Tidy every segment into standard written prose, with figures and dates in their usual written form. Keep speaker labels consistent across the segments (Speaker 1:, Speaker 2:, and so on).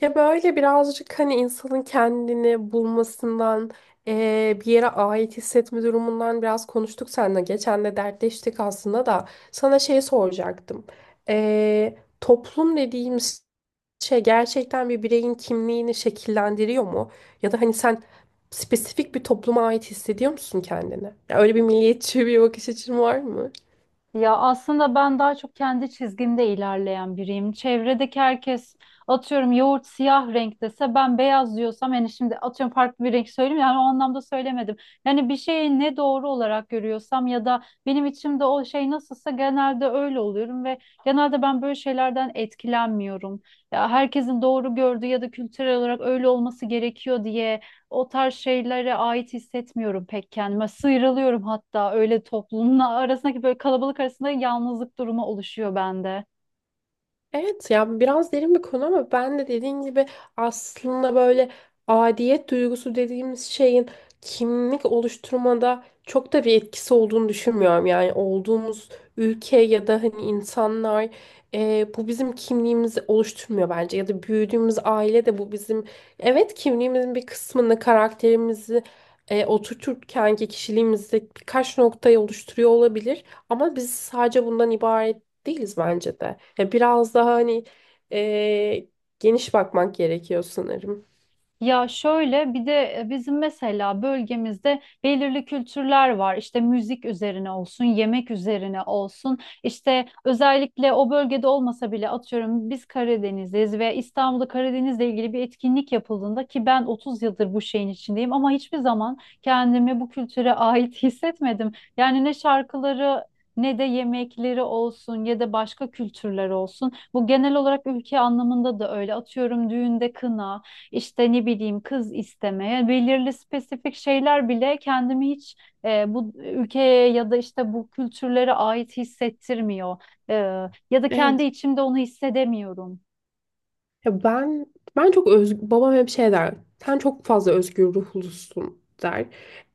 Speaker 1: Ya böyle birazcık hani insanın kendini bulmasından, bir yere ait hissetme durumundan biraz konuştuk seninle. Geçen de dertleştik aslında da. Sana şey soracaktım. Eee, toplum dediğimiz şey gerçekten bir bireyin kimliğini şekillendiriyor mu? Ya da hani sen spesifik bir topluma ait hissediyor musun kendini? Ya öyle bir milliyetçi bir bakış açın var mı?
Speaker 2: Ya aslında ben daha çok kendi çizgimde ilerleyen biriyim. Çevredeki herkes atıyorum yoğurt siyah renk dese ben beyaz diyorsam yani şimdi atıyorum farklı bir renk söyleyeyim, yani o anlamda söylemedim. Yani bir şeyi ne doğru olarak görüyorsam ya da benim içimde o şey nasılsa genelde öyle oluyorum ve genelde ben böyle şeylerden etkilenmiyorum. Ya herkesin doğru gördüğü ya da kültürel olarak öyle olması gerekiyor diye o tarz şeylere ait hissetmiyorum pek kendime. Sıyrılıyorum hatta, öyle toplumla arasındaki böyle kalabalık arasında yalnızlık durumu oluşuyor bende.
Speaker 1: Evet, ya biraz derin bir konu ama ben de dediğin gibi aslında böyle aidiyet duygusu dediğimiz şeyin kimlik oluşturmada çok da bir etkisi olduğunu düşünmüyorum. Yani olduğumuz ülke ya da hani insanlar, bu bizim kimliğimizi oluşturmuyor bence ya da büyüdüğümüz aile de bu bizim, evet, kimliğimizin bir kısmını, karakterimizi oturturken ki kişiliğimizde birkaç noktayı oluşturuyor olabilir ama biz sadece bundan ibaret değiliz bence de. Ya biraz daha hani e, geniş bakmak gerekiyor sanırım.
Speaker 2: Ya şöyle bir de bizim mesela bölgemizde belirli kültürler var. İşte müzik üzerine olsun, yemek üzerine olsun. İşte özellikle o bölgede olmasa bile atıyorum biz Karadeniz'iz ve İstanbul'da Karadeniz'le ilgili bir etkinlik yapıldığında ki ben 30 yıldır bu şeyin içindeyim ama hiçbir zaman kendimi bu kültüre ait hissetmedim. Yani ne şarkıları ne de yemekleri olsun ya da başka kültürler olsun. Bu genel olarak ülke anlamında da öyle. Atıyorum düğünde kına, işte ne bileyim kız istemeye, yani belirli spesifik şeyler bile kendimi hiç bu ülkeye ya da işte bu kültürlere ait hissettirmiyor. E, Ya da kendi
Speaker 1: Evet.
Speaker 2: içimde onu hissedemiyorum.
Speaker 1: Ya ben çok, öz babam hep şey der. Sen çok fazla özgür ruhlusun, der.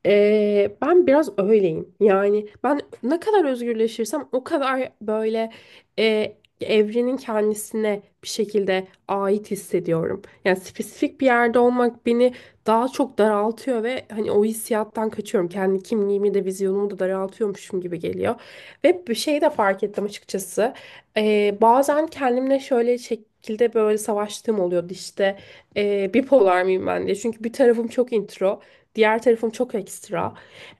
Speaker 1: Ben biraz öyleyim. Yani ben ne kadar özgürleşirsem o kadar böyle evrenin kendisine bir şekilde ait hissediyorum. Yani spesifik bir yerde olmak beni daha çok daraltıyor ve hani o hissiyattan kaçıyorum. Kendi kimliğimi de vizyonumu da daraltıyormuşum gibi geliyor. Ve bir şey de fark ettim açıkçası. Bazen kendimle şöyle şekilde böyle savaştığım oluyordu işte, bipolar mıyım ben diye. Çünkü bir tarafım çok intro, diğer tarafım çok ekstra.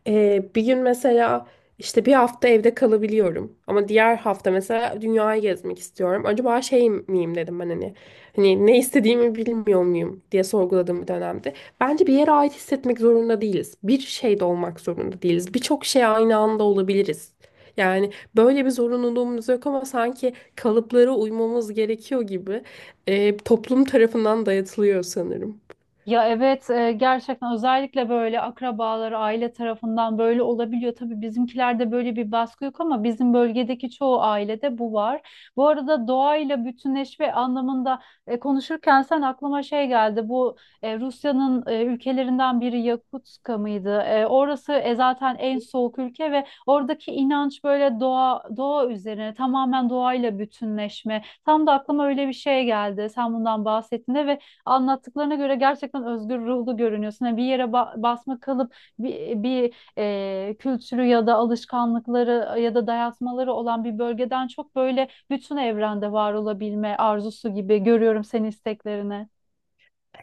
Speaker 1: Bir gün mesela işte bir hafta evde kalabiliyorum ama diğer hafta mesela dünyayı gezmek istiyorum. Acaba şey miyim dedim ben, hani ne istediğimi bilmiyor muyum diye sorguladığım bir dönemde. Bence bir yere ait hissetmek zorunda değiliz. Bir şeyde olmak zorunda değiliz. Birçok şey aynı anda olabiliriz. Yani böyle bir zorunluluğumuz yok ama sanki kalıplara uymamız gerekiyor gibi toplum tarafından dayatılıyor sanırım.
Speaker 2: Ya evet, gerçekten özellikle böyle akrabaları, aile tarafından böyle olabiliyor. Tabii bizimkilerde böyle bir baskı yok ama bizim bölgedeki çoğu ailede bu var. Bu arada doğayla bütünleşme anlamında konuşurken sen, aklıma şey geldi. Bu Rusya'nın ülkelerinden biri Yakutska mıydı? Orası zaten en soğuk ülke ve oradaki inanç böyle doğa üzerine, tamamen doğayla bütünleşme. Tam da aklıma öyle bir şey geldi sen bundan bahsettiğinde. Ve anlattıklarına göre gerçekten özgür ruhlu görünüyorsun. Yani bir yere basma kalıp bir kültürü ya da alışkanlıkları ya da dayatmaları olan bir bölgeden çok, böyle bütün evrende var olabilme arzusu gibi görüyorum senin isteklerini.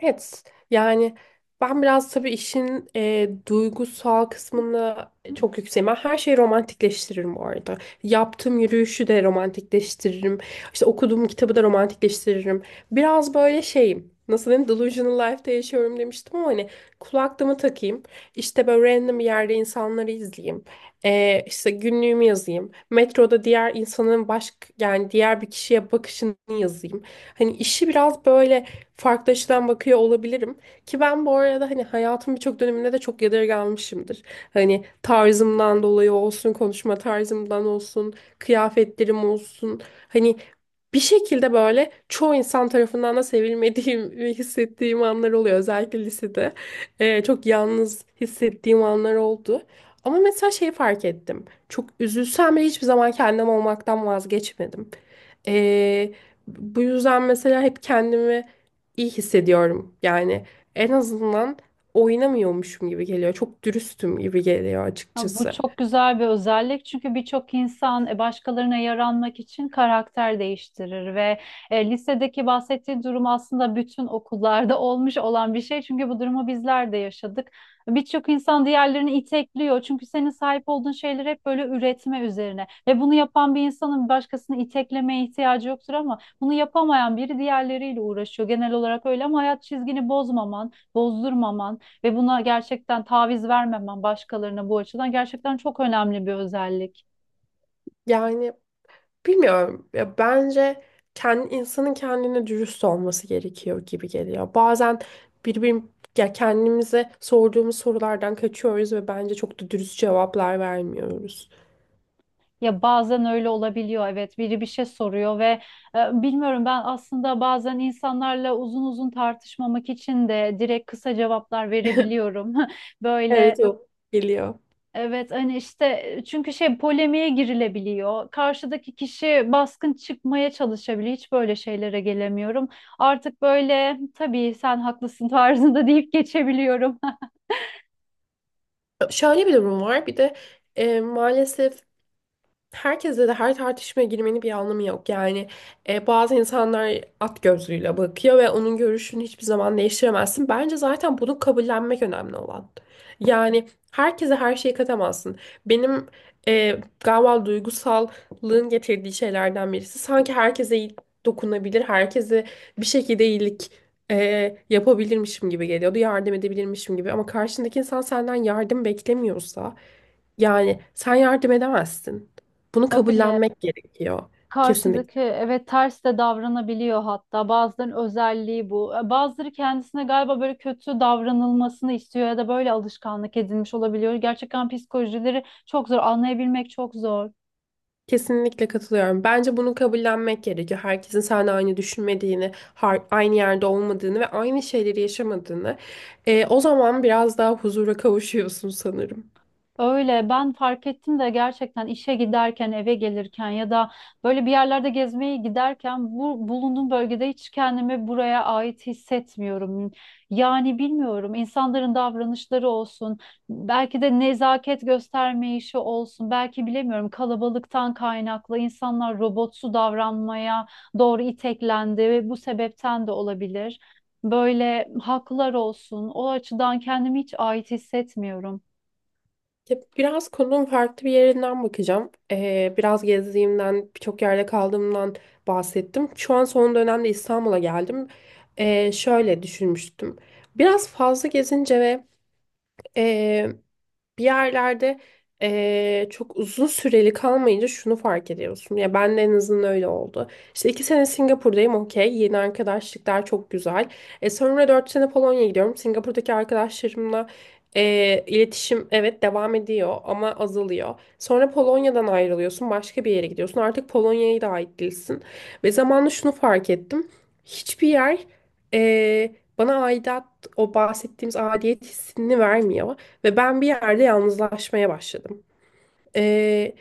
Speaker 1: Evet, yani ben biraz tabii işin duygusal kısmını çok yükseğim. Ben her şeyi romantikleştiririm bu arada. Yaptığım yürüyüşü de romantikleştiririm. İşte okuduğum kitabı da romantikleştiririm. Biraz böyle şeyim. Nasıl diyeyim? Delusional life'da yaşıyorum demiştim ama hani kulaklığımı takayım. İşte böyle random bir yerde insanları izleyeyim. İşte günlüğümü yazayım. Metroda diğer insanın baş, yani diğer bir kişiye bakışını yazayım. Hani işi biraz böyle farklı açıdan bakıyor olabilirim. Ki ben bu arada hani hayatımın birçok döneminde de çok yadırganmışımdır. Hani tarzımdan dolayı olsun, konuşma tarzımdan olsun, kıyafetlerim olsun. Hani bir şekilde böyle çoğu insan tarafından da sevilmediğimi hissettiğim anlar oluyor. Özellikle lisede. Çok yalnız hissettiğim anlar oldu. Ama mesela şeyi fark ettim. Çok üzülsem bile hiçbir zaman kendim olmaktan vazgeçmedim. Ee, Bu yüzden mesela hep kendimi iyi hissediyorum. Yani en azından oynamıyormuşum gibi geliyor. Çok dürüstüm gibi geliyor
Speaker 2: Ha, bu
Speaker 1: açıkçası.
Speaker 2: çok güzel bir özellik çünkü birçok insan başkalarına yaranmak için karakter değiştirir. Ve lisedeki bahsettiği durum aslında bütün okullarda olmuş olan bir şey, çünkü bu durumu bizler de yaşadık. Birçok insan diğerlerini itekliyor çünkü senin sahip olduğun şeyler hep böyle üretme üzerine ve bunu yapan bir insanın başkasını iteklemeye ihtiyacı yoktur, ama bunu yapamayan biri diğerleriyle uğraşıyor genel olarak. Öyle, ama hayat çizgini bozmaman, bozdurmaman ve buna gerçekten taviz vermemen başkalarına, bu açıdan gerçekten çok önemli bir özellik.
Speaker 1: Yani bilmiyorum. Ya bence kendi, insanın kendine dürüst olması gerekiyor gibi geliyor. Bazen birbirim ya kendimize sorduğumuz sorulardan kaçıyoruz ve bence çok da dürüst cevaplar vermiyoruz.
Speaker 2: Ya bazen öyle olabiliyor, evet, biri bir şey soruyor ve bilmiyorum, ben aslında bazen insanlarla uzun uzun tartışmamak için de direkt kısa cevaplar verebiliyorum. Böyle
Speaker 1: Evet, o geliyor.
Speaker 2: evet, hani işte çünkü şey, polemiğe girilebiliyor. Karşıdaki kişi baskın çıkmaya çalışabiliyor. Hiç böyle şeylere gelemiyorum. Artık böyle tabii sen haklısın tarzında deyip geçebiliyorum.
Speaker 1: Şöyle bir durum var. Bir de maalesef herkese de her tartışmaya girmenin bir anlamı yok. Yani bazı insanlar at gözlüğüyle bakıyor ve onun görüşünü hiçbir zaman değiştiremezsin. Bence zaten bunu kabullenmek önemli olan. Yani herkese her şeyi katamazsın. Benim galiba duygusallığın getirdiği şeylerden birisi. Sanki herkese iyi dokunabilir, herkese bir şekilde iyilik yapabilirmişim gibi geliyordu. Yardım edebilirmişim gibi. Ama karşındaki insan senden yardım beklemiyorsa, yani sen yardım edemezsin. Bunu
Speaker 2: Öyle.
Speaker 1: kabullenmek gerekiyor. Kesinlikle.
Speaker 2: Karşıdaki, evet, ters de davranabiliyor, hatta bazılarının özelliği bu. Bazıları kendisine galiba böyle kötü davranılmasını istiyor ya da böyle alışkanlık edinmiş olabiliyor. Gerçekten psikolojileri çok zor, anlayabilmek çok zor.
Speaker 1: Kesinlikle katılıyorum. Bence bunu kabullenmek gerekiyor. Herkesin seninle aynı düşünmediğini, aynı yerde olmadığını ve aynı şeyleri yaşamadığını. O zaman biraz daha huzura kavuşuyorsun sanırım.
Speaker 2: Öyle, ben fark ettim de gerçekten işe giderken, eve gelirken ya da böyle bir yerlerde gezmeye giderken bu bulunduğum bölgede hiç kendimi buraya ait hissetmiyorum. Yani bilmiyorum, insanların davranışları olsun, belki de nezaket göstermeyişi olsun, belki bilemiyorum kalabalıktan kaynaklı insanlar robotsu davranmaya doğru iteklendi ve bu sebepten de olabilir. Böyle haklar olsun, o açıdan kendimi hiç ait hissetmiyorum.
Speaker 1: Ya, biraz konunun farklı bir yerinden bakacağım. Biraz gezdiğimden, birçok yerde kaldığımdan bahsettim. Şu an son dönemde İstanbul'a geldim. Şöyle düşünmüştüm. Biraz fazla gezince ve bir yerlerde çok uzun süreli kalmayınca şunu fark ediyorsun. Ya ben de en azından öyle oldu. İşte 2 sene Singapur'dayım, okey. Yeni arkadaşlıklar çok güzel. Sonra 4 sene Polonya'ya gidiyorum. Singapur'daki arkadaşlarımla iletişim, evet, devam ediyor ama azalıyor. Sonra Polonya'dan ayrılıyorsun. Başka bir yere gidiyorsun. Artık Polonya'ya da ait değilsin. Ve zamanla şunu fark ettim. Hiçbir yer bana aidat, o bahsettiğimiz aidiyet hissini vermiyor. Ve ben bir yerde yalnızlaşmaya başladım. Ee,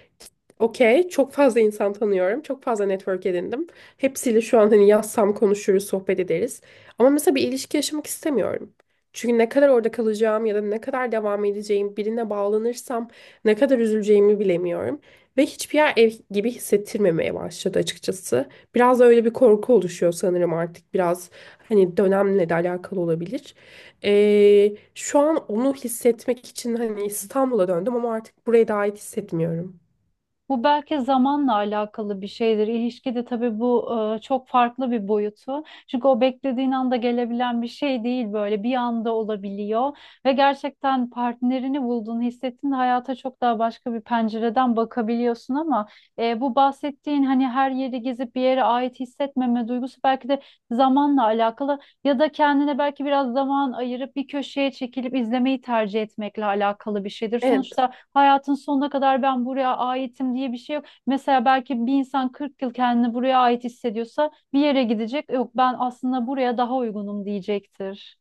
Speaker 1: Okey, çok fazla insan tanıyorum. Çok fazla network edindim. Hepsiyle şu an hani, yazsam konuşuruz, sohbet ederiz. Ama mesela bir ilişki yaşamak istemiyorum. Çünkü ne kadar orada kalacağım ya da ne kadar devam edeceğim, birine bağlanırsam ne kadar üzüleceğimi bilemiyorum. Ve hiçbir yer ev gibi hissettirmemeye başladı açıkçası. Biraz da öyle bir korku oluşuyor sanırım artık. Biraz hani dönemle de alakalı olabilir. Şu an onu hissetmek için hani İstanbul'a döndüm ama artık buraya da ait hissetmiyorum.
Speaker 2: Bu belki zamanla alakalı bir şeydir. İlişkide tabii bu çok farklı bir boyutu. Çünkü o beklediğin anda gelebilen bir şey değil, böyle bir anda olabiliyor. Ve gerçekten partnerini bulduğunu hissettiğinde hayata çok daha başka bir pencereden bakabiliyorsun, ama bu bahsettiğin hani her yeri gezip bir yere ait hissetmeme duygusu belki de zamanla alakalı ya da kendine belki biraz zaman ayırıp bir köşeye çekilip izlemeyi tercih etmekle alakalı bir şeydir.
Speaker 1: Evet.
Speaker 2: Sonuçta hayatın sonuna kadar ben buraya aitim diye bir şey yok. Mesela belki bir insan 40 yıl kendini buraya ait hissediyorsa, bir yere gidecek. Yok, ben aslında buraya daha uygunum diyecektir.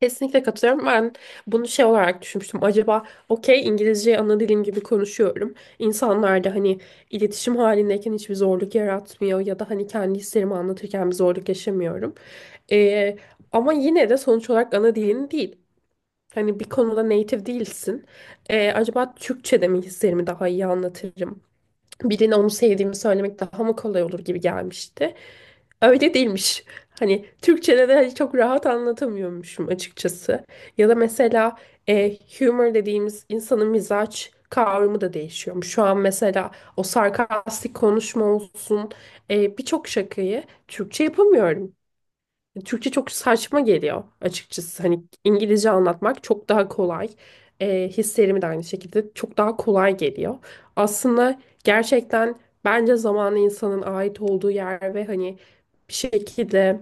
Speaker 1: Kesinlikle katılıyorum. Ben bunu şey olarak düşünmüştüm. Acaba, okey, İngilizceyi ana dilim gibi konuşuyorum. İnsanlar da hani iletişim halindeyken hiçbir zorluk yaratmıyor ya da hani kendi hislerimi anlatırken bir zorluk yaşamıyorum. Ee, Ama yine de sonuç olarak ana dilin değil. Hani bir konuda native değilsin. Acaba Türkçe'de mi hislerimi daha iyi anlatırım, birine onu sevdiğimi söylemek daha mı kolay olur gibi gelmişti. Öyle değilmiş. Hani Türkçe'de de hani çok rahat anlatamıyormuşum açıkçası. Ya da mesela humor dediğimiz insanın mizaç kavramı da değişiyormuş. Şu an mesela o sarkastik konuşma olsun, birçok şakayı Türkçe yapamıyorum. Türkçe çok saçma geliyor açıkçası. Hani İngilizce anlatmak çok daha kolay. Hislerimi de aynı şekilde çok daha kolay geliyor. Aslında gerçekten bence zamanı insanın ait olduğu yer ve hani bir şekilde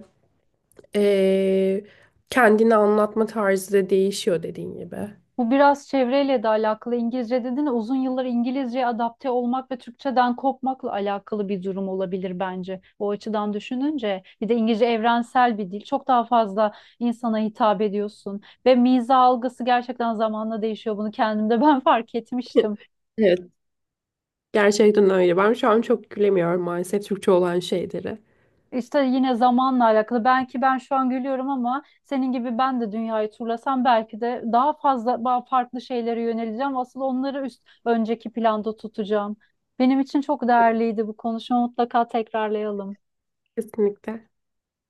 Speaker 1: ee, kendini anlatma tarzı da değişiyor dediğin gibi.
Speaker 2: Bu biraz çevreyle de alakalı. İngilizce dedin, uzun yıllar İngilizceye adapte olmak ve Türkçeden kopmakla alakalı bir durum olabilir bence. O açıdan düşününce, bir de İngilizce evrensel bir dil. Çok daha fazla insana hitap ediyorsun ve miza algısı gerçekten zamanla değişiyor. Bunu kendimde ben fark etmiştim.
Speaker 1: Evet, gerçekten öyle. Ben şu an çok gülemiyorum maalesef Türkçe olan şeyleri.
Speaker 2: İşte yine zamanla alakalı. Belki ben şu an gülüyorum ama senin gibi ben de dünyayı turlasam belki de daha fazla, daha farklı şeylere yöneleceğim. Asıl onları üst önceki planda tutacağım. Benim için çok
Speaker 1: Evet,
Speaker 2: değerliydi bu konuşma. Mutlaka tekrarlayalım.
Speaker 1: kesinlikle.